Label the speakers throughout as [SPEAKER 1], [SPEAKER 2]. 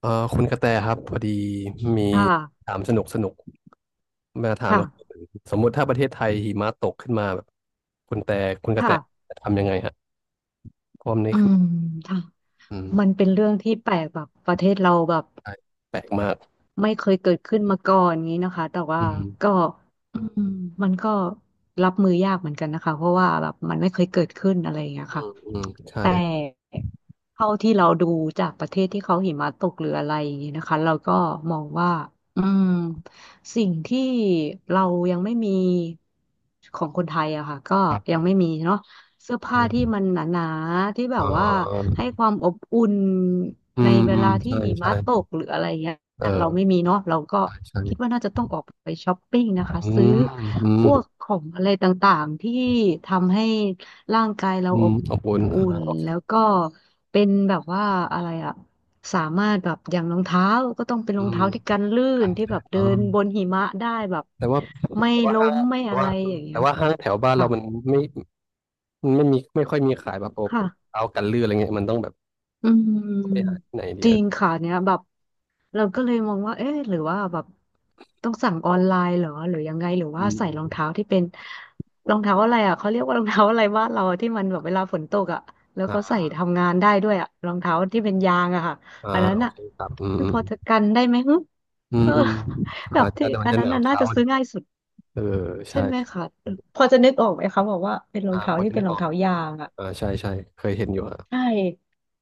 [SPEAKER 1] เอ่อคุณกระแตครับพอดีมี
[SPEAKER 2] ค่ะ
[SPEAKER 1] ถามสนุกสนุกมาถาม
[SPEAKER 2] ค่ะ
[SPEAKER 1] ว่าสมมุติถ้าประเทศไทยหิมะตกขึ้นมาแบบคุณแต่คุณกระแต
[SPEAKER 2] ค่ะ
[SPEAKER 1] จะทำยังไงฮะเพราะว่ามันนี่
[SPEAKER 2] อื
[SPEAKER 1] คือ
[SPEAKER 2] มค่ะ
[SPEAKER 1] อืม
[SPEAKER 2] มันเป็นเรื่องที่แปลกแบบประเทศเราแบบ
[SPEAKER 1] ใช่แปลกมาก
[SPEAKER 2] ไม่เคยเกิดขึ้นมาก่อนงี้นะคะแต่ว่า
[SPEAKER 1] อืม
[SPEAKER 2] ก็อืมมันก็รับมือยากเหมือนกันนะคะ เพราะว่าแบบมันไม่เคยเกิดขึ้นอะไรอย่างเงี้ย
[SPEAKER 1] อื
[SPEAKER 2] ค่ะ
[SPEAKER 1] มอืมใช่
[SPEAKER 2] แต่เท่าที่เราดูจากประเทศที่เขาหิมะตกหรืออะไรอย่างนี้นะคะเราก็มองว่าอืมสิ่งที่เรายังไม่มีของคนไทยอะค่ะก็
[SPEAKER 1] ครั
[SPEAKER 2] ยัง
[SPEAKER 1] บ
[SPEAKER 2] ไม่มีเนาะเสื้อผ้าที่
[SPEAKER 1] เออ
[SPEAKER 2] มันหนาๆที่แบ
[SPEAKER 1] อ่
[SPEAKER 2] บว่า
[SPEAKER 1] า
[SPEAKER 2] ให้ความอบอุ่น
[SPEAKER 1] อื
[SPEAKER 2] ใน
[SPEAKER 1] ม
[SPEAKER 2] เว
[SPEAKER 1] อืม
[SPEAKER 2] ลาที่
[SPEAKER 1] ใช่
[SPEAKER 2] หิ
[SPEAKER 1] ใช่
[SPEAKER 2] มะตกหรืออะไรเงี้ย
[SPEAKER 1] เอ
[SPEAKER 2] เราไม่
[SPEAKER 1] อ
[SPEAKER 2] มีเนาะเราก็
[SPEAKER 1] ใช่ใช่
[SPEAKER 2] คิดว่าน่าจะต้องออกไปช้อปปิ้งนะคะ
[SPEAKER 1] อื
[SPEAKER 2] ซื้อ
[SPEAKER 1] มอืม
[SPEAKER 2] พวกของอะไรต่างๆที่ทำให้ร่างกายเรา
[SPEAKER 1] อื
[SPEAKER 2] อ
[SPEAKER 1] ม
[SPEAKER 2] บ
[SPEAKER 1] อบอุ่น
[SPEAKER 2] อุ่
[SPEAKER 1] อ่า
[SPEAKER 2] น
[SPEAKER 1] โอเค
[SPEAKER 2] แล้วก็เป็นแบบว่าอะไรอะสามารถแบบอย่างรองเท้าก็ต้องเป็น
[SPEAKER 1] อื
[SPEAKER 2] รอง
[SPEAKER 1] ม
[SPEAKER 2] เท้าที่กันลื่
[SPEAKER 1] กา
[SPEAKER 2] น
[SPEAKER 1] ร
[SPEAKER 2] ที่
[SPEAKER 1] แพ
[SPEAKER 2] แบ
[SPEAKER 1] ท
[SPEAKER 2] บ
[SPEAKER 1] ย์อ๋
[SPEAKER 2] เดิ
[SPEAKER 1] อ
[SPEAKER 2] นบนหิมะได้แบบ
[SPEAKER 1] แต่ว่า
[SPEAKER 2] ไม่
[SPEAKER 1] แต่ว่า
[SPEAKER 2] ล้
[SPEAKER 1] ห้าง
[SPEAKER 2] มไม่
[SPEAKER 1] แต่
[SPEAKER 2] อะ
[SPEAKER 1] ว่า
[SPEAKER 2] ไรอย่างเงี้
[SPEAKER 1] แต่
[SPEAKER 2] ย
[SPEAKER 1] ว่า
[SPEAKER 2] ค่ะ
[SPEAKER 1] ห้างแถวบ้านเรา
[SPEAKER 2] ค่ะ
[SPEAKER 1] มันไม่ มันไม่มีไม่ค่อยมีขายแบบโอ้
[SPEAKER 2] ค่ะ
[SPEAKER 1] เอากันลื่นอะไรเงี้ยมันต้องแบบ
[SPEAKER 2] อื
[SPEAKER 1] ไปหา
[SPEAKER 2] ม
[SPEAKER 1] ที่ไหนเดี
[SPEAKER 2] จ
[SPEAKER 1] ยว
[SPEAKER 2] ริงค่ะเนี้ยแบบเราก็เลยมองว่าเอ๊ะหรือว่าแบบต้องสั่งออนไลน์เหรอหรือยังไงหรือ
[SPEAKER 1] อื
[SPEAKER 2] ว่า
[SPEAKER 1] ม
[SPEAKER 2] ใส่
[SPEAKER 1] อืม
[SPEAKER 2] รองเท้าที่เป็นรองเท้าอะไรอ่ะเขาเรียกว่า รองเท้าอะไรบ้านเราที่มันแบบเวลาฝนตกอ่ะแล้ว
[SPEAKER 1] อ่
[SPEAKER 2] เขาใส่
[SPEAKER 1] า
[SPEAKER 2] ทำงานได้ด้วยอ่ะรองเท้าที่เป็นยางอะค่ะ
[SPEAKER 1] อ่า
[SPEAKER 2] อันนั้น
[SPEAKER 1] โอ
[SPEAKER 2] อ่ะ
[SPEAKER 1] เคครับอืม
[SPEAKER 2] มั
[SPEAKER 1] อื
[SPEAKER 2] นพ
[SPEAKER 1] ม
[SPEAKER 2] อจะกันได้ไหมฮึ
[SPEAKER 1] อื
[SPEAKER 2] เอ
[SPEAKER 1] ม
[SPEAKER 2] อ
[SPEAKER 1] อืม
[SPEAKER 2] แบ
[SPEAKER 1] อา
[SPEAKER 2] บ
[SPEAKER 1] จจะ
[SPEAKER 2] ที่
[SPEAKER 1] แต่มั
[SPEAKER 2] อั
[SPEAKER 1] น
[SPEAKER 2] น
[SPEAKER 1] จะห
[SPEAKER 2] นั้น
[SPEAKER 1] นาว
[SPEAKER 2] น่ะน่า
[SPEAKER 1] เท้า
[SPEAKER 2] จะ
[SPEAKER 1] อะ
[SPEAKER 2] ซื้อง่ายสุด
[SPEAKER 1] เออ
[SPEAKER 2] ใช่
[SPEAKER 1] ใช่
[SPEAKER 2] ไหมคะพอจะนึกออกไหมคะบอกว่าเป็นรอ
[SPEAKER 1] อ่า
[SPEAKER 2] งเท้า
[SPEAKER 1] พอ
[SPEAKER 2] ที่
[SPEAKER 1] จะ
[SPEAKER 2] เป็
[SPEAKER 1] นึ
[SPEAKER 2] น
[SPEAKER 1] ก
[SPEAKER 2] รอ
[SPEAKER 1] อ
[SPEAKER 2] ง
[SPEAKER 1] อก
[SPEAKER 2] เท้ายางอ่ะ
[SPEAKER 1] อ่าใช่ใช่ เคยเห็นอยู่
[SPEAKER 2] ใช่
[SPEAKER 1] อ่ะ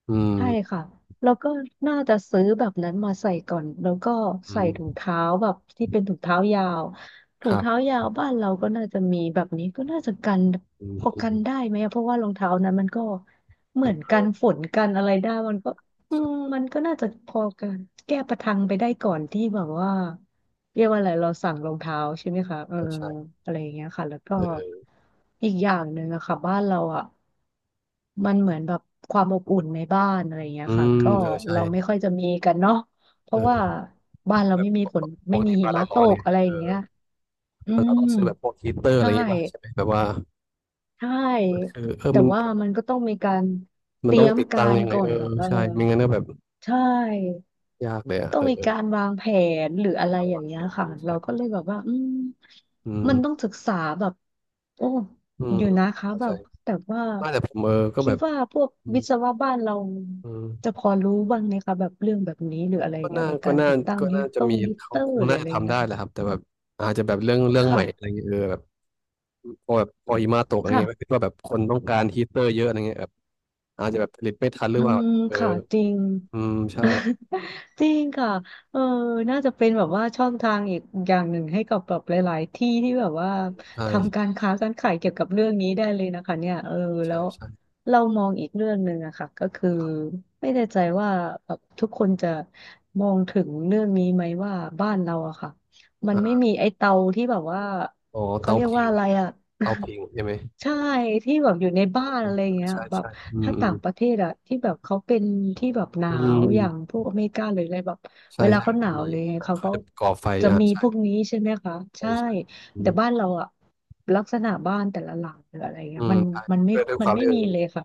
[SPEAKER 1] อื
[SPEAKER 2] ใช่
[SPEAKER 1] ม
[SPEAKER 2] ค่ะแล้วก็น่าจะซื้อแบบนั้นมาใส่ก่อนแล้วก็
[SPEAKER 1] อื
[SPEAKER 2] ใส่ถุง
[SPEAKER 1] ม
[SPEAKER 2] เท้าแบบที่เป็นถุงเท้ายาวถุ
[SPEAKER 1] ค
[SPEAKER 2] ง
[SPEAKER 1] รั
[SPEAKER 2] เท้า
[SPEAKER 1] บ
[SPEAKER 2] ยาวบ้านเราก็น่าจะมีแบบนี้ก็น่าจะกัน
[SPEAKER 1] อืม
[SPEAKER 2] พอ
[SPEAKER 1] อื
[SPEAKER 2] กั
[SPEAKER 1] ม
[SPEAKER 2] นได้ไหมอะเพราะว่ารองเท้านั้นมันก็เหมือนกันฝนกันอะไรได้มันก็มันก็น่าจะพอกันแก้ประทังไปได้ก่อนที่แบบว่า เรียกว่าอะไรเราสั่งรองเท้าใช่ไหมคะเออ
[SPEAKER 1] เออใช่
[SPEAKER 2] อะไรอย่างเงี้ยค่ะแล้วก็
[SPEAKER 1] เออ
[SPEAKER 2] อีกอย่างหนึ่งอะค่ะบ้านเราอะมันเหมือนแบบความอบอุ่นในบ้านอะไรอย่างเงี้ย
[SPEAKER 1] อื
[SPEAKER 2] ค่ะ
[SPEAKER 1] ม
[SPEAKER 2] ก็
[SPEAKER 1] เออใช่
[SPEAKER 2] เราไม่ค่อยจะมีกันเนาะเพราะว่า
[SPEAKER 1] เออ
[SPEAKER 2] บ้านเรา
[SPEAKER 1] แบบ
[SPEAKER 2] ไม่มี
[SPEAKER 1] ป
[SPEAKER 2] ฝนไม่
[SPEAKER 1] ก
[SPEAKER 2] มี
[SPEAKER 1] ติ
[SPEAKER 2] หิ
[SPEAKER 1] บ้าน
[SPEAKER 2] มะ
[SPEAKER 1] เรา
[SPEAKER 2] ต
[SPEAKER 1] ร้อน
[SPEAKER 2] ก
[SPEAKER 1] ไง
[SPEAKER 2] อะไรอ
[SPEAKER 1] เอ
[SPEAKER 2] ย่าง
[SPEAKER 1] อ
[SPEAKER 2] เงี้ยอื
[SPEAKER 1] มันเรา
[SPEAKER 2] ม
[SPEAKER 1] ต้องซื้อแบบพวกฮีตเตอร์อะไร
[SPEAKER 2] ใช่
[SPEAKER 1] อย่างงี้ป่ะใช่ไหมแบบว่า
[SPEAKER 2] ใช
[SPEAKER 1] มัน
[SPEAKER 2] ่
[SPEAKER 1] คือเออ
[SPEAKER 2] แต่
[SPEAKER 1] มัน
[SPEAKER 2] ว่ามันก็ต้องมีการ
[SPEAKER 1] มั
[SPEAKER 2] เต
[SPEAKER 1] น
[SPEAKER 2] รี
[SPEAKER 1] ต้อง
[SPEAKER 2] ยม
[SPEAKER 1] ติด
[SPEAKER 2] กา
[SPEAKER 1] ตั้ง
[SPEAKER 2] ร
[SPEAKER 1] ยังไง
[SPEAKER 2] ก่อ
[SPEAKER 1] เอ
[SPEAKER 2] น
[SPEAKER 1] อ
[SPEAKER 2] แบบว่า
[SPEAKER 1] ใช่ไม่งั้นก็แบบ
[SPEAKER 2] ใช่
[SPEAKER 1] ยากเลยอ่ะ
[SPEAKER 2] ต้อ
[SPEAKER 1] เอ
[SPEAKER 2] ง
[SPEAKER 1] อ
[SPEAKER 2] มี
[SPEAKER 1] เออ
[SPEAKER 2] การวางแผนหรืออะไร
[SPEAKER 1] ต้อง
[SPEAKER 2] อย่า
[SPEAKER 1] วา
[SPEAKER 2] ง
[SPEAKER 1] ง
[SPEAKER 2] เงี้
[SPEAKER 1] แผ
[SPEAKER 2] ย
[SPEAKER 1] นเล
[SPEAKER 2] ค่ะ
[SPEAKER 1] ย
[SPEAKER 2] เรา
[SPEAKER 1] ใช่
[SPEAKER 2] ก็เลยแบบว่า
[SPEAKER 1] อืม
[SPEAKER 2] มันต้องศึกษาแบบโอ้
[SPEAKER 1] อืม
[SPEAKER 2] อยู่นะคะ
[SPEAKER 1] เข้า
[SPEAKER 2] แบ
[SPEAKER 1] ใจ
[SPEAKER 2] บแต่ว่า
[SPEAKER 1] ไม่าแต่ผมเออก็
[SPEAKER 2] คิ
[SPEAKER 1] แบ
[SPEAKER 2] ด
[SPEAKER 1] บ
[SPEAKER 2] ว่าพวก
[SPEAKER 1] อืม
[SPEAKER 2] วิศวะบ้านเรา
[SPEAKER 1] อืม
[SPEAKER 2] จะพอรู้บ้างไหมคะแบบเรื่องแบบนี้หรืออะไรอ
[SPEAKER 1] ก็
[SPEAKER 2] ย่างเงี้
[SPEAKER 1] น่า
[SPEAKER 2] ยใน
[SPEAKER 1] ก็
[SPEAKER 2] การ
[SPEAKER 1] น่า
[SPEAKER 2] ติดตั้ง
[SPEAKER 1] ก็น่าจะมี
[SPEAKER 2] ฮีต
[SPEAKER 1] เขา
[SPEAKER 2] เตอ
[SPEAKER 1] ค
[SPEAKER 2] ร์
[SPEAKER 1] ง
[SPEAKER 2] หรือ
[SPEAKER 1] น่า
[SPEAKER 2] อะ
[SPEAKER 1] จะ
[SPEAKER 2] ไรอย่าง
[SPEAKER 1] ทำ
[SPEAKER 2] เงี้ย
[SPEAKER 1] ได้แห
[SPEAKER 2] ค่ะ
[SPEAKER 1] ละครับ แต่แบบอาจจะแบบเรื่อง เรื่องใหม่อะไรเงี้ยเออแบบพอหิมะตกอะไรเงี้ยก็
[SPEAKER 2] ค่ะ
[SPEAKER 1] คิดว่าแบบคนต้องการฮีตเตอร์เยอะอะไรเงี้ยแบบอาจจะแบบผลิตไม่ทันห
[SPEAKER 2] อื
[SPEAKER 1] รือเปล่า
[SPEAKER 2] ม
[SPEAKER 1] เออ
[SPEAKER 2] ค่ะจริง
[SPEAKER 1] อืมใช่
[SPEAKER 2] จริงค่ะเออน่าจะเป็นแบบว่าช่องทางอีกอย่างหนึ่งให้กับแบบหลายๆที่ที่แบบว่าทำกา
[SPEAKER 1] ใช่
[SPEAKER 2] รค้าการขายเกี่ยวกับเรื่องนี้ได้เลยนะคะเนี่ยเออแล้
[SPEAKER 1] ใช่
[SPEAKER 2] ว
[SPEAKER 1] ใช่
[SPEAKER 2] เรามองอีกเรื่องหนึ่งอะค่ะก็คือ
[SPEAKER 1] ครับ
[SPEAKER 2] ไม่แน่ใจว่าแบบทุกคนจะมองถึงเรื่องนี้ไหมว่าบ้านเราอะค่ะมัน
[SPEAKER 1] อ่
[SPEAKER 2] ไม่มี
[SPEAKER 1] า
[SPEAKER 2] ไอ้เตาที่แบบว่า
[SPEAKER 1] อ๋อ
[SPEAKER 2] เขา
[SPEAKER 1] เตา
[SPEAKER 2] เรียก
[SPEAKER 1] ผิ
[SPEAKER 2] ว่า
[SPEAKER 1] ง
[SPEAKER 2] อะไรอะ
[SPEAKER 1] เตาผิงใช่ไหม
[SPEAKER 2] ใช่ที่แบบอยู่ในบ้านอะไรเงี้ย
[SPEAKER 1] ใช่
[SPEAKER 2] แบบ
[SPEAKER 1] ใช่อืม
[SPEAKER 2] ถ้า
[SPEAKER 1] อื
[SPEAKER 2] ต่า
[SPEAKER 1] ม
[SPEAKER 2] งประเทศอะที่แบบเขาเป็นที่แบบหนา
[SPEAKER 1] อื
[SPEAKER 2] วอย่าง
[SPEAKER 1] ม
[SPEAKER 2] พวกอเมริกาหรืออะไรแบบ
[SPEAKER 1] ใช่
[SPEAKER 2] เวลา
[SPEAKER 1] ใช่
[SPEAKER 2] เขา
[SPEAKER 1] มัน
[SPEAKER 2] ห
[SPEAKER 1] จะ
[SPEAKER 2] นาว
[SPEAKER 1] มี
[SPEAKER 2] เลยไง
[SPEAKER 1] อ่า
[SPEAKER 2] เขา
[SPEAKER 1] เขา
[SPEAKER 2] ก็
[SPEAKER 1] จะก่อไฟ
[SPEAKER 2] จะ
[SPEAKER 1] อ่า
[SPEAKER 2] มี
[SPEAKER 1] ใช่
[SPEAKER 2] พวกนี้ใช่ไหมคะ
[SPEAKER 1] ใช่
[SPEAKER 2] ใช่
[SPEAKER 1] ใช่อื
[SPEAKER 2] แต่
[SPEAKER 1] ม
[SPEAKER 2] บ้านเราอะลักษณะบ้านแต่ละหลังหรืออะไรเงี้
[SPEAKER 1] อื
[SPEAKER 2] ย
[SPEAKER 1] ม
[SPEAKER 2] มัน
[SPEAKER 1] ใช่
[SPEAKER 2] มันไม่
[SPEAKER 1] ด้วย
[SPEAKER 2] มั
[SPEAKER 1] ค
[SPEAKER 2] น
[SPEAKER 1] วาม
[SPEAKER 2] ไม่
[SPEAKER 1] ที่เอ
[SPEAKER 2] มี
[SPEAKER 1] อ
[SPEAKER 2] เลยค่ะ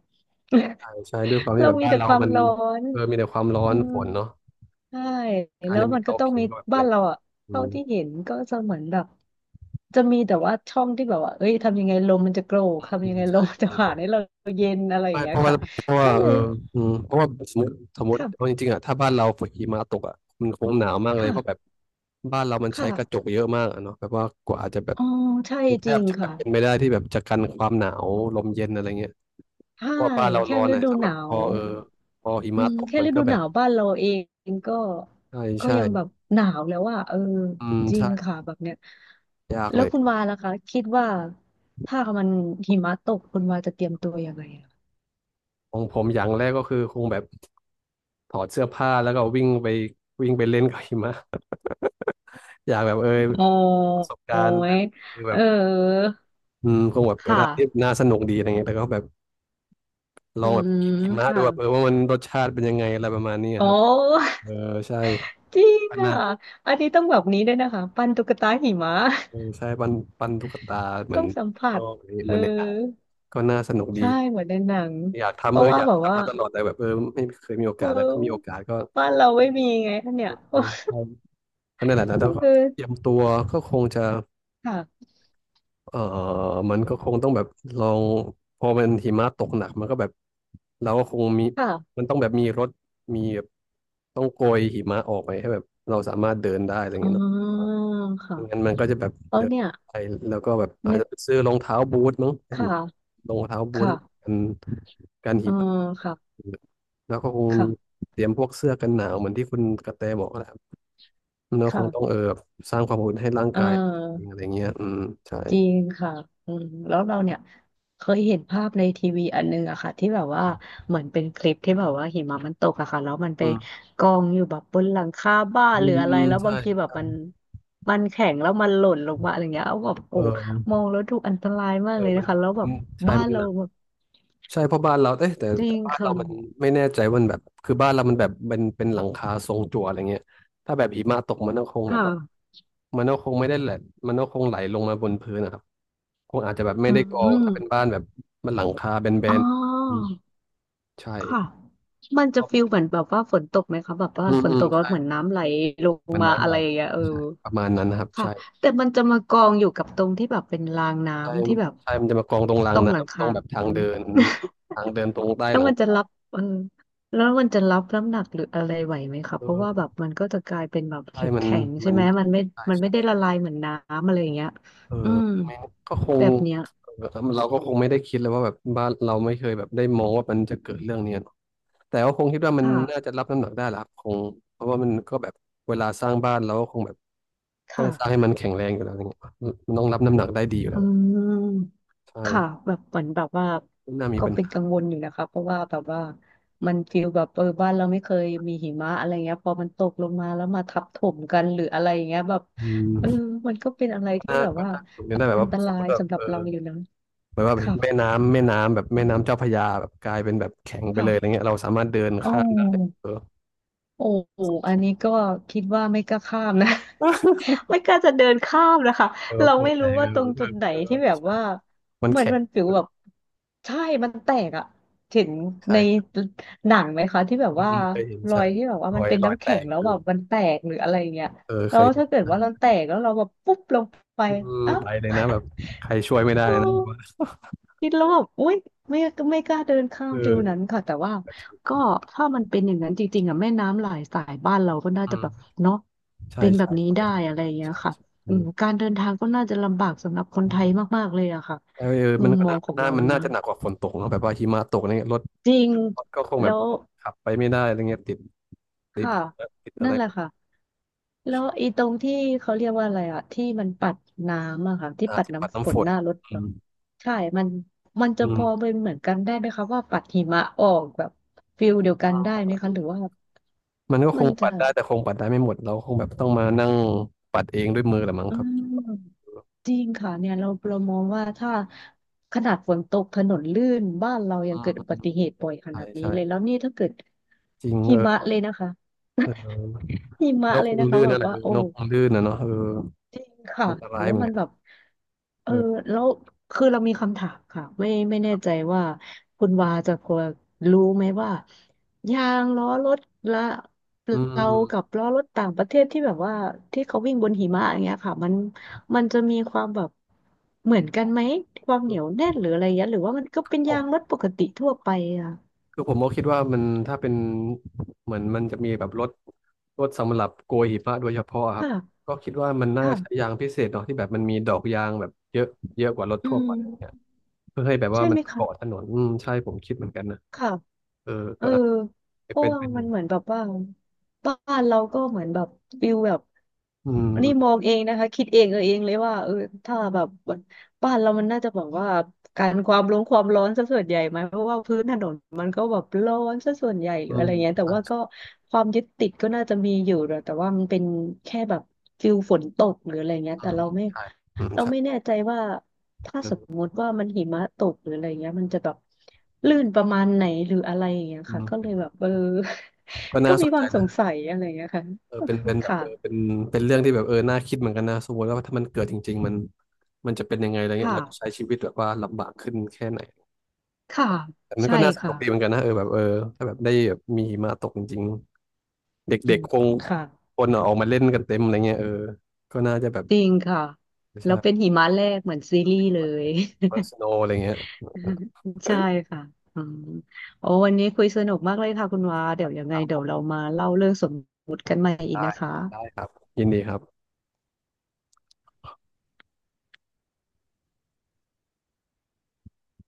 [SPEAKER 1] ใช่ใช่ด้วยความ ที่
[SPEAKER 2] เรา
[SPEAKER 1] แบบ
[SPEAKER 2] มี
[SPEAKER 1] บ้าน
[SPEAKER 2] แต่
[SPEAKER 1] เรา
[SPEAKER 2] ความ
[SPEAKER 1] มัน
[SPEAKER 2] ร้อน
[SPEAKER 1] เออมีแต่ความร้อ
[SPEAKER 2] อื
[SPEAKER 1] น
[SPEAKER 2] ม
[SPEAKER 1] ฝนเนาะ
[SPEAKER 2] ใช่
[SPEAKER 1] การ
[SPEAKER 2] แล้ว
[SPEAKER 1] จะมี
[SPEAKER 2] มันก็
[SPEAKER 1] เตา
[SPEAKER 2] ต้อง
[SPEAKER 1] ผิง
[SPEAKER 2] มี
[SPEAKER 1] ก็แบบแป
[SPEAKER 2] บ้า
[SPEAKER 1] ล
[SPEAKER 2] น
[SPEAKER 1] ก
[SPEAKER 2] เราอะ
[SPEAKER 1] อื
[SPEAKER 2] เท่า
[SPEAKER 1] ม
[SPEAKER 2] ที่เห็นก็จะเหมือนแบบจะมีแต่ว่าช่องที่แบบว่าเอ้ยทำยังไงลมมันจะโกรก
[SPEAKER 1] อื
[SPEAKER 2] ทำยัง
[SPEAKER 1] ม
[SPEAKER 2] ไงล
[SPEAKER 1] ใช่
[SPEAKER 2] มมันจะ
[SPEAKER 1] เดี๋ยวล
[SPEAKER 2] ผ่าน
[SPEAKER 1] ง
[SPEAKER 2] ให้เราเย็นอะไรอ
[SPEAKER 1] ไม่
[SPEAKER 2] ย่างเงี้ยค่ะ
[SPEAKER 1] เพราะว่า
[SPEAKER 2] ก็เล
[SPEAKER 1] เออ
[SPEAKER 2] ย
[SPEAKER 1] อืมเพราะว่าสมมติเอา
[SPEAKER 2] ค่ะ
[SPEAKER 1] จริงๆอ่ะถ้าบ้านเราฝนหิมะตกอ่ะมันคงหนาวมากเลยเพราะแบบ
[SPEAKER 2] ค่ะ
[SPEAKER 1] บ้านเรามันใช้
[SPEAKER 2] ค่ะ
[SPEAKER 1] กระจกเยอะมากอะเนาะแบบว่ากว่าจะแบบ
[SPEAKER 2] อ๋อใช่
[SPEAKER 1] แท
[SPEAKER 2] จริ
[SPEAKER 1] บ
[SPEAKER 2] ง
[SPEAKER 1] จะแบ
[SPEAKER 2] ค่ะ
[SPEAKER 1] บเป็นไม่ได้ที่แบบจะกันความหนาวลมเย็นอะไรเงี้ย
[SPEAKER 2] ใช่
[SPEAKER 1] ก็บ้านเรา
[SPEAKER 2] แค่
[SPEAKER 1] ร้อน
[SPEAKER 2] ฤ
[SPEAKER 1] อ่ะ
[SPEAKER 2] ดู
[SPEAKER 1] ถ้า
[SPEAKER 2] ห
[SPEAKER 1] แบบ
[SPEAKER 2] นา
[SPEAKER 1] พอ
[SPEAKER 2] ว
[SPEAKER 1] เออพอหิ
[SPEAKER 2] อื
[SPEAKER 1] มะ
[SPEAKER 2] ม
[SPEAKER 1] ตก
[SPEAKER 2] แค่
[SPEAKER 1] มัน
[SPEAKER 2] ฤ
[SPEAKER 1] ก็
[SPEAKER 2] ดู
[SPEAKER 1] แบ
[SPEAKER 2] ห
[SPEAKER 1] บ
[SPEAKER 2] นาวบ้านเราเองก็
[SPEAKER 1] ใช่
[SPEAKER 2] ก็
[SPEAKER 1] ใช่
[SPEAKER 2] ยังแบบหนาวแล้วว่าเออ
[SPEAKER 1] อืม
[SPEAKER 2] จริ
[SPEAKER 1] ใช่
[SPEAKER 2] งค่ะแบบเนี้ย
[SPEAKER 1] ยาก
[SPEAKER 2] แล้
[SPEAKER 1] เล
[SPEAKER 2] ว
[SPEAKER 1] ย
[SPEAKER 2] คุณวาล่ะคะคิดว่าถ้ามันหิมะตกคุณวาจะเตรียมตัวยังไงอะ
[SPEAKER 1] ของผมอย่างแรกก็คือคงแบบถอดเสื้อผ้าแล้วก็วิ่งไปเล่นกับหิมะ อยากแบบเออ
[SPEAKER 2] โอ
[SPEAKER 1] ประสบกา
[SPEAKER 2] ้
[SPEAKER 1] รณ์แบ
[SPEAKER 2] ย
[SPEAKER 1] บคือแบ
[SPEAKER 2] เออ
[SPEAKER 1] บอืมคงแบบเป็น
[SPEAKER 2] ค่ะ
[SPEAKER 1] อะไรที่น่าสนุกดีอะไรเงี้ยแล้วก็แบบล
[SPEAKER 2] อื
[SPEAKER 1] องแบบกิ
[SPEAKER 2] ม
[SPEAKER 1] นหิมะ
[SPEAKER 2] ค
[SPEAKER 1] ดูแบบเออ
[SPEAKER 2] ่ะ
[SPEAKER 1] ว่ามันรสชาติเป็นยังไงอะไรประมาณนี้
[SPEAKER 2] โอ้
[SPEAKER 1] ครับเออใช่
[SPEAKER 2] จริง
[SPEAKER 1] ปั้น
[SPEAKER 2] ค่ะ
[SPEAKER 1] นะ
[SPEAKER 2] อันนี้ต้องแบบนี้ด้วยนะคะปั้นตุ๊กตาหิมะ
[SPEAKER 1] เออใช่ปั้นปั้นตุ๊กตาเห มือ
[SPEAKER 2] ต้อ
[SPEAKER 1] น
[SPEAKER 2] งสัมผั
[SPEAKER 1] ข้าง
[SPEAKER 2] ส
[SPEAKER 1] นอกอะไรอย่างเงี้ย
[SPEAKER 2] เอ
[SPEAKER 1] เห
[SPEAKER 2] อ
[SPEAKER 1] มือนในหนังก็น่าสนุกดี
[SPEAKER 2] ใช่เหมือนในหนัง
[SPEAKER 1] อยาก
[SPEAKER 2] เพ
[SPEAKER 1] ทำเอ
[SPEAKER 2] ราะ
[SPEAKER 1] อ
[SPEAKER 2] ว่า
[SPEAKER 1] อยาก
[SPEAKER 2] แบบว่า
[SPEAKER 1] ทำมาตลอดแต่แบบเออไม่เคยมีโอ
[SPEAKER 2] เ
[SPEAKER 1] กาสแต่ถ้ามีโอ
[SPEAKER 2] ออ
[SPEAKER 1] กาสก็
[SPEAKER 2] บ้านเราไม่มีไงคะเนี่ย
[SPEAKER 1] อืมใช่ ก็นั่นแหละนะแล้วก็
[SPEAKER 2] เออ
[SPEAKER 1] เตรียมตัวก็คงจะ
[SPEAKER 2] ค่ะ
[SPEAKER 1] เออมัน
[SPEAKER 2] อื
[SPEAKER 1] ก็
[SPEAKER 2] ม
[SPEAKER 1] คงต้องแบบลองพอมันหิมะตกหนักมันก็แบบเราก็คงมี
[SPEAKER 2] ค่ะ
[SPEAKER 1] มันต้องแบบมีรถมีแบบต้องโกยหิมะออกไปให้แบบเราสามารถเดินได้อะไรอย่าง
[SPEAKER 2] อ๋
[SPEAKER 1] เงี้ยเนาะ
[SPEAKER 2] อค่ะ
[SPEAKER 1] ไม่งั้นมันก็จะแบบ
[SPEAKER 2] แล้ว
[SPEAKER 1] เดิน
[SPEAKER 2] เนี่ย
[SPEAKER 1] ไปแล้วก็แบบอาจ
[SPEAKER 2] นึก
[SPEAKER 1] จะไปซื้อรองเท้าบูทมั้งเป็
[SPEAKER 2] ค
[SPEAKER 1] น
[SPEAKER 2] ่ะ
[SPEAKER 1] รองเท้าบูท
[SPEAKER 2] ค่ะ
[SPEAKER 1] กันกัน
[SPEAKER 2] เอ
[SPEAKER 1] หิ
[SPEAKER 2] อ
[SPEAKER 1] มะ
[SPEAKER 2] ค่ะ
[SPEAKER 1] แล้วก็คงมี
[SPEAKER 2] ค่ะ
[SPEAKER 1] เตรียมพวกเสื้อกันหนาวเหมือนที่คุณกระแตบอกแหละเราคงต้อง
[SPEAKER 2] ค่ะ
[SPEAKER 1] เออแบบสร้างความอุ่นให้ร่าง
[SPEAKER 2] เอ
[SPEAKER 1] กายเองอะไร
[SPEAKER 2] อ
[SPEAKER 1] เงี้ยอืมใช่
[SPEAKER 2] จริงค่ะอืมแล้วเราเนี่ยเคยเห็นภาพในทีวีอันนึงอะค่ะที่แบบว่าเหมือนเป็นคลิปที่แบบว่าหิมะมันตกอะค่ะแล้วมันไป
[SPEAKER 1] อืม
[SPEAKER 2] กองอยู่แบบบนหลังคาบ้าน
[SPEAKER 1] อื
[SPEAKER 2] หรือ
[SPEAKER 1] ม
[SPEAKER 2] อะ
[SPEAKER 1] อื
[SPEAKER 2] ไร
[SPEAKER 1] ม
[SPEAKER 2] แล้วบา
[SPEAKER 1] ใช่
[SPEAKER 2] งทีแบบ
[SPEAKER 1] ใช่
[SPEAKER 2] มันแข็งแล้วมันหล่นลงมาอะไรเงี้ยเอาแบบ
[SPEAKER 1] เอ
[SPEAKER 2] โอ้มอ
[SPEAKER 1] อ
[SPEAKER 2] งแล้วดูอันตรายมาก
[SPEAKER 1] เอ
[SPEAKER 2] เล
[SPEAKER 1] อ
[SPEAKER 2] ย
[SPEAKER 1] มั
[SPEAKER 2] นะ
[SPEAKER 1] น
[SPEAKER 2] คะแล้วแบ
[SPEAKER 1] อื
[SPEAKER 2] บ
[SPEAKER 1] มใช่
[SPEAKER 2] บ้า
[SPEAKER 1] มั
[SPEAKER 2] น
[SPEAKER 1] น
[SPEAKER 2] เรา
[SPEAKER 1] หนัก
[SPEAKER 2] แบบ
[SPEAKER 1] ใช่เพราะบ้านเราเอ๊ะ
[SPEAKER 2] จริ
[SPEAKER 1] แต่
[SPEAKER 2] ง
[SPEAKER 1] บ้านเรา
[SPEAKER 2] ค่ะ
[SPEAKER 1] มันไม่แน่ใจว่ามันแบบคือบ้านเรามันแบบเป็นหลังคาทรงจั่วอะไรเงี้ยถ้าแบบหิมะตกมันก็คง
[SPEAKER 2] ค
[SPEAKER 1] แบบว่า
[SPEAKER 2] ่ะ
[SPEAKER 1] มันก็คงไม่ได้แหละมันก็คงไหลลงมาบนพื้นนะครับคงอาจจะแบบไม่
[SPEAKER 2] อื
[SPEAKER 1] ได้กองถ้าเป็นบ้า
[SPEAKER 2] ม
[SPEAKER 1] นแบบมันหลังคาแบ
[SPEAKER 2] อ๋อ
[SPEAKER 1] นๆอืมใช่
[SPEAKER 2] ค่ะมันจะ
[SPEAKER 1] อ
[SPEAKER 2] ฟิลเหมือนแบบว่าฝนตกไหมคะแบบว่า
[SPEAKER 1] ืม
[SPEAKER 2] ฝน
[SPEAKER 1] อื
[SPEAKER 2] ต
[SPEAKER 1] ม
[SPEAKER 2] กแล้ว
[SPEAKER 1] ใช่
[SPEAKER 2] เหมือนน้ำไหลลง
[SPEAKER 1] มัน
[SPEAKER 2] มา
[SPEAKER 1] น้ำ
[SPEAKER 2] อะ
[SPEAKER 1] ไหล
[SPEAKER 2] ไรอย่างเงี้ยเออ
[SPEAKER 1] ใช่ประมาณนั้นนะครับ
[SPEAKER 2] ค่ะ
[SPEAKER 1] ใช่
[SPEAKER 2] แต่มันจะมากองอยู่กับตรงที่แบบเป็นราง
[SPEAKER 1] ใช่
[SPEAKER 2] น้ำที่แบบ
[SPEAKER 1] ใช่ มันจะมากองตรงรา
[SPEAKER 2] ต
[SPEAKER 1] ง
[SPEAKER 2] รงหลัง
[SPEAKER 1] น้ำตร
[SPEAKER 2] คา
[SPEAKER 1] งแบบทางเดิน ทางเดินตรงใต้
[SPEAKER 2] แล้
[SPEAKER 1] ห
[SPEAKER 2] ว
[SPEAKER 1] ลัง
[SPEAKER 2] มันจะ
[SPEAKER 1] คา
[SPEAKER 2] รับเออแล้วมันจะรับน้ำหนักหรืออะไรไหวไหมคะเพราะว่า
[SPEAKER 1] เออ
[SPEAKER 2] แบบมันก็จะกลายเป็นแบบ
[SPEAKER 1] ใช่
[SPEAKER 2] แข็งแข็งใช่
[SPEAKER 1] มัน
[SPEAKER 2] ไหมมันไม่
[SPEAKER 1] ใช่
[SPEAKER 2] มันไม่ได้
[SPEAKER 1] ใช่
[SPEAKER 2] ละลายเหมือนน้ำอะไรอย่างเงี้ย
[SPEAKER 1] เออ
[SPEAKER 2] อืม
[SPEAKER 1] ไม่ก็คง
[SPEAKER 2] แบบเนี้ย
[SPEAKER 1] เออเราก็คงไม่ได้คิดเลยว่าแบบบ้านเราไม่เคยแบบได้มองว่ามันจะเกิดเรื่องเนี้ยเนอะแต่ก็คงคิดว่ามันน่า
[SPEAKER 2] ค่ะ
[SPEAKER 1] จะรับน้ำหนักได้แหละครับคงเพราะว่ามันก็แบบเวลาสร้างบ้านเราก็คงแบบต้อ
[SPEAKER 2] ค่ะ
[SPEAKER 1] งสร้างให้มันแข็งแรงอยู่แล้วอะไรเงี้ยมันต้องรับน้ำหนักได้ดีอยู่แล้
[SPEAKER 2] อื
[SPEAKER 1] ว
[SPEAKER 2] ม
[SPEAKER 1] ใ
[SPEAKER 2] ค่ะ
[SPEAKER 1] ช่
[SPEAKER 2] แบบเหมือนแบบว่า
[SPEAKER 1] ไม่น่ามี
[SPEAKER 2] ก็
[SPEAKER 1] ปัญ
[SPEAKER 2] เป็น
[SPEAKER 1] หา
[SPEAKER 2] กังวลอยู่นะคะเพราะว่าแบบว่ามันฟีลแบบเออบ้านเราไม่เคยมีหิมะอะไรเงี้ยพอมันตกลงมาแล้วมาทับถมกันหรืออะไรอย่างเงี้ยแบบ
[SPEAKER 1] อื
[SPEAKER 2] เออ
[SPEAKER 1] ม
[SPEAKER 2] มันก็เป็นอะไรที่
[SPEAKER 1] น่า
[SPEAKER 2] แบบ
[SPEAKER 1] ก็
[SPEAKER 2] ว่า
[SPEAKER 1] น่าสนุกนะแต่แบบ
[SPEAKER 2] อัน
[SPEAKER 1] ว่า
[SPEAKER 2] ต
[SPEAKER 1] สม
[SPEAKER 2] รา
[SPEAKER 1] ม
[SPEAKER 2] ย
[SPEAKER 1] ติแบบ
[SPEAKER 2] สำหรับเราอยู่นะ
[SPEAKER 1] เหมือนว่าแบบแม่
[SPEAKER 2] ค่ะ
[SPEAKER 1] น้ำแม่น้ำแบบแม่น้ำเจ้าพระยาแบบกลายเป็นแบบแข็งไป
[SPEAKER 2] ค่ะ
[SPEAKER 1] เลยอะไรเงี้ยเราสามารถเดิน
[SPEAKER 2] โอ้
[SPEAKER 1] ข้ามได้เออ
[SPEAKER 2] โอ้อันนี้ก็คิดว่าไม่กล้าข้ามนะ ไม่กล้าจะเดินข้ามนะคะ
[SPEAKER 1] เออ
[SPEAKER 2] เรา
[SPEAKER 1] ปวด
[SPEAKER 2] ไม่
[SPEAKER 1] แต่
[SPEAKER 2] รู้
[SPEAKER 1] เอ
[SPEAKER 2] ว่าต
[SPEAKER 1] อ
[SPEAKER 2] รง
[SPEAKER 1] เอ
[SPEAKER 2] จุด
[SPEAKER 1] อ
[SPEAKER 2] ไหน
[SPEAKER 1] เออ
[SPEAKER 2] ที่แบบว่า
[SPEAKER 1] มัน
[SPEAKER 2] เหมือน
[SPEAKER 1] แข็ง
[SPEAKER 2] มันฟิว
[SPEAKER 1] เออ
[SPEAKER 2] แบบใช่มันแตกอะเห็นใน
[SPEAKER 1] ใช่
[SPEAKER 2] หนังไหมคะที่แบบ
[SPEAKER 1] อื
[SPEAKER 2] ว่า
[SPEAKER 1] มเคยเห็น
[SPEAKER 2] รอ
[SPEAKER 1] ใช่
[SPEAKER 2] ยที่แบบว่า
[SPEAKER 1] ร
[SPEAKER 2] มั
[SPEAKER 1] อ
[SPEAKER 2] น
[SPEAKER 1] ย
[SPEAKER 2] เป็น
[SPEAKER 1] รอย
[SPEAKER 2] น้ำ
[SPEAKER 1] แต
[SPEAKER 2] แข็ง
[SPEAKER 1] ก
[SPEAKER 2] แล้ว
[SPEAKER 1] คื
[SPEAKER 2] แบ
[SPEAKER 1] อ
[SPEAKER 2] บมันแตกหรืออะไรอย่างเงี้ย
[SPEAKER 1] เออ
[SPEAKER 2] แล้
[SPEAKER 1] เค
[SPEAKER 2] ว
[SPEAKER 1] ยเห็น
[SPEAKER 2] ถ้าเกิดว่าเราแตกแล้วเราแบบปุ๊บลงไป
[SPEAKER 1] อืม
[SPEAKER 2] อ้าว
[SPEAKER 1] ไปเลยนะแบบใครช่วยไม่ได้
[SPEAKER 2] เอ
[SPEAKER 1] นะ
[SPEAKER 2] อคิดแล้วแบบอุ้ยไม่ไม่กล้าเดินข้ามฟิวนั้
[SPEAKER 1] เออ
[SPEAKER 2] นค่ะแต่ว่าก็ถ้ามันเป็นอย่างนั้นจริงๆอ่ะแม่น้ำหลายสายบ้านเราก็น่า
[SPEAKER 1] อื
[SPEAKER 2] จะแบบ
[SPEAKER 1] ม
[SPEAKER 2] เนาะ
[SPEAKER 1] ใช่
[SPEAKER 2] เป็นแบบ
[SPEAKER 1] ใช่
[SPEAKER 2] นี้
[SPEAKER 1] ก็เป็
[SPEAKER 2] ได้
[SPEAKER 1] นไปได้
[SPEAKER 2] อะไรอย่างเงี้ย
[SPEAKER 1] ใช่
[SPEAKER 2] ค่ะ
[SPEAKER 1] ใช่อื
[SPEAKER 2] อืม
[SPEAKER 1] ม
[SPEAKER 2] การเดินทางก็น่าจะลำบากสำหรับคนไทยมากๆเลยอะค่ะ
[SPEAKER 1] เออเออ
[SPEAKER 2] มุ
[SPEAKER 1] มัน
[SPEAKER 2] ม
[SPEAKER 1] ก็
[SPEAKER 2] มอ
[SPEAKER 1] น่า
[SPEAKER 2] งของ
[SPEAKER 1] น่า
[SPEAKER 2] เรา
[SPEAKER 1] มันน่า
[SPEAKER 2] นะ
[SPEAKER 1] จะหนักกว่าฝนตกเนอะแบบว่าหิมะตกเนี่ยรถ
[SPEAKER 2] จริง
[SPEAKER 1] ก็คงแบ
[SPEAKER 2] แล้
[SPEAKER 1] บ
[SPEAKER 2] ว
[SPEAKER 1] ขับไปไม่ได้อะไรเงี้ยติด
[SPEAKER 2] ค่ะ
[SPEAKER 1] ติดอะ
[SPEAKER 2] นั่
[SPEAKER 1] ไร
[SPEAKER 2] นแห
[SPEAKER 1] ห
[SPEAKER 2] ละ
[SPEAKER 1] มด
[SPEAKER 2] ค่ะ แล้วอีตรงที่เขาเรียกว่าอะไรอะที่มันปัดน้ำอะค่ะที่
[SPEAKER 1] อ่า
[SPEAKER 2] ปัด
[SPEAKER 1] ที่ปัด
[SPEAKER 2] น้ำฝ
[SPEAKER 1] น้ำฝ
[SPEAKER 2] น
[SPEAKER 1] น
[SPEAKER 2] หน้ารถ
[SPEAKER 1] อื
[SPEAKER 2] แบบ
[SPEAKER 1] ม
[SPEAKER 2] ใช่มันมัน
[SPEAKER 1] อื
[SPEAKER 2] จะพอ
[SPEAKER 1] ม
[SPEAKER 2] เป็นเหมือนกันได้ไหมคะว่าปัดหิมะออกแบบฟิลเดียวกันได้ไหมคะหรือว่า
[SPEAKER 1] มันก็ค
[SPEAKER 2] มัน
[SPEAKER 1] งปั
[SPEAKER 2] จะ
[SPEAKER 1] ดได้แต่คงปัดได้ไม่หมดเราคงแบบต้องมานั่งปัดเองด้วยมือแหละมั้ง
[SPEAKER 2] อื
[SPEAKER 1] ครับ
[SPEAKER 2] มจริงค่ะเนี่ยเรามองว่าถ้าขนาดฝนตกถนนลื่นบ้านเรายังเกิดอุบั
[SPEAKER 1] อืม
[SPEAKER 2] ติเหตุบ่อยข
[SPEAKER 1] ใช่
[SPEAKER 2] นาดนี้
[SPEAKER 1] ใช่
[SPEAKER 2] เลยแล้วนี่ถ้าเกิด
[SPEAKER 1] จริง
[SPEAKER 2] หิ
[SPEAKER 1] เอ
[SPEAKER 2] มะ
[SPEAKER 1] อ
[SPEAKER 2] เลยนะคะ
[SPEAKER 1] เออ
[SPEAKER 2] หิมะ
[SPEAKER 1] นก
[SPEAKER 2] เล
[SPEAKER 1] ค
[SPEAKER 2] ย
[SPEAKER 1] ง
[SPEAKER 2] นะคะ
[SPEAKER 1] ลื่น
[SPEAKER 2] แบ
[SPEAKER 1] นั่น
[SPEAKER 2] บ
[SPEAKER 1] แหละ
[SPEAKER 2] ว่า
[SPEAKER 1] เออ
[SPEAKER 2] โอ้
[SPEAKER 1] นกคงลื่นนะเนาะเออ
[SPEAKER 2] จริง
[SPEAKER 1] ัน
[SPEAKER 2] ค่ะ
[SPEAKER 1] อันตราย
[SPEAKER 2] แล้ว
[SPEAKER 1] เหมือน
[SPEAKER 2] มัน
[SPEAKER 1] กั
[SPEAKER 2] แบ
[SPEAKER 1] น
[SPEAKER 2] บ เออ
[SPEAKER 1] เออ
[SPEAKER 2] แล้วคือเรามีคำถามค่ะไม่แน่ใจว่าคุณวาจะพอรู้ไหมว่ายางล้อรถละ
[SPEAKER 1] อื
[SPEAKER 2] เรากับ
[SPEAKER 1] ม
[SPEAKER 2] ล้อรถต่างประเทศที่แบบว่าที่เขาวิ่งบนหิมะอย่างเงี้ยค่ะมันจะมีความแบบเหมือนกันไหมความเห
[SPEAKER 1] อื
[SPEAKER 2] นียว
[SPEAKER 1] ม
[SPEAKER 2] แน่นหรืออะไรเงี้ยหรือว่ามันก็เป็นยางรถปกติทั่วไปอะ
[SPEAKER 1] คือผมก็คิดว่ามันถ้าเป็นเหมือนมันจะมีแบบรถสำหรับโกยหิมะโดยเฉพาะครับ
[SPEAKER 2] ค่ะ
[SPEAKER 1] ก็คิดว่ามันน่าจะใช้ยา
[SPEAKER 2] ค่ะ
[SPEAKER 1] งพิเศษเนาะที่แบบมันมีดอกยางแบบเยอะเยอะกว่ารถ
[SPEAKER 2] อื
[SPEAKER 1] ทั่วไปเนี่ย
[SPEAKER 2] ม
[SPEAKER 1] เพื่อให้แบบว่า
[SPEAKER 2] ใช่
[SPEAKER 1] มั
[SPEAKER 2] ไหม
[SPEAKER 1] น
[SPEAKER 2] คะ
[SPEAKER 1] เกาะถนนอืมใช่ผมคิดเหมือนกันนะ
[SPEAKER 2] ค่ะ
[SPEAKER 1] เออ
[SPEAKER 2] เอ
[SPEAKER 1] ก็
[SPEAKER 2] อ
[SPEAKER 1] อาจจะ
[SPEAKER 2] เพราะ
[SPEAKER 1] เป็น
[SPEAKER 2] ว่า
[SPEAKER 1] เป็นห
[SPEAKER 2] มั
[SPEAKER 1] นึ่ง
[SPEAKER 2] นเหมือนแบบว่าบ้านเราก็เหมือนแบบฟิลแบบ
[SPEAKER 1] อืมอื
[SPEAKER 2] นี่ม
[SPEAKER 1] ม
[SPEAKER 2] องเองนะคะคิดเองเออเองเลยว่าเออถ้าแบบบ้านเรามันน่าจะบอกว่าการความร้อนซะส่วนใหญ่ไหมเพราะว่าพื้นถนนมันก็แบบร้อนซะส่วนใหญ่หรื
[SPEAKER 1] อื
[SPEAKER 2] ออะ
[SPEAKER 1] ม
[SPEAKER 2] ไรเงี้ยแต่
[SPEAKER 1] ใช่
[SPEAKER 2] ว่าก็ความยึดติดก็น่าจะมีอยู่นะแต่ว่ามันเป็นแค่แบบฟิลฝนตกหรืออะไรเงี้ย
[SPEAKER 1] อื
[SPEAKER 2] แต่
[SPEAKER 1] ม
[SPEAKER 2] เราไม่
[SPEAKER 1] ใช่อืม
[SPEAKER 2] เรา
[SPEAKER 1] ใช่
[SPEAKER 2] ไม่แน่ใจว่า ถ้า
[SPEAKER 1] เอ
[SPEAKER 2] สม
[SPEAKER 1] อ
[SPEAKER 2] มุติว่ามันหิมะตกหรืออะไรเงี้ยมันจะแบบลื่นประมาณไหนหรืออะไรอย่างเงี้ย
[SPEAKER 1] อื
[SPEAKER 2] ค่ะก็เล
[SPEAKER 1] ม
[SPEAKER 2] ยแบบเออ
[SPEAKER 1] ก็
[SPEAKER 2] ก็
[SPEAKER 1] น่าส
[SPEAKER 2] มี
[SPEAKER 1] น
[SPEAKER 2] ค
[SPEAKER 1] ใจ
[SPEAKER 2] วามสง
[SPEAKER 1] นะ
[SPEAKER 2] สัยอะไรเงี้ยค่ะ
[SPEAKER 1] เออเป็นแบบ
[SPEAKER 2] ค่ะ
[SPEAKER 1] เออเป็นเรื่องที่แบบเออน่าคิดเหมือนกันนะสมมติว่าถ้ามันเกิดจริงๆมันจะเป็นยังไงอะไรเงี้ยเราจะใช้
[SPEAKER 2] ค่ะ
[SPEAKER 1] ชีวิตแบบว่าลำบากขึ้นแค่ไหน
[SPEAKER 2] ค่ะ
[SPEAKER 1] แต่มัน
[SPEAKER 2] ใช่
[SPEAKER 1] ก็น่าสนุ
[SPEAKER 2] ค่ะ
[SPEAKER 1] กดีเหมือนกันนะเออแบบเออถ้าแบบได้แบบมีหิมะตกจริงๆ
[SPEAKER 2] อื
[SPEAKER 1] เด็ก
[SPEAKER 2] ม
[SPEAKER 1] ๆคง
[SPEAKER 2] ค่ะ
[SPEAKER 1] คนอะออกมาเล่นกันเต็มอะไรเงี้ยเออก็น่าจะแบบ
[SPEAKER 2] จริงค่ะ แล้วเป็น
[SPEAKER 1] ใช่
[SPEAKER 2] หิมะแรกเหมือนซีรีส์เลย
[SPEAKER 1] personal อะไรเงี้ย
[SPEAKER 2] ใช่ ค่ะอืมโอ้วันนี้คุยสนุกมากเลยค่ะคุณวาเดี๋ยวยัง
[SPEAKER 1] ค
[SPEAKER 2] ไง
[SPEAKER 1] รับผ
[SPEAKER 2] เดี๋ยวเรา
[SPEAKER 1] ม
[SPEAKER 2] มาเล่าเรื่องสมมุติกันใหม่อีก
[SPEAKER 1] ได้
[SPEAKER 2] นะคะ
[SPEAKER 1] ได้ครับยินดีครับ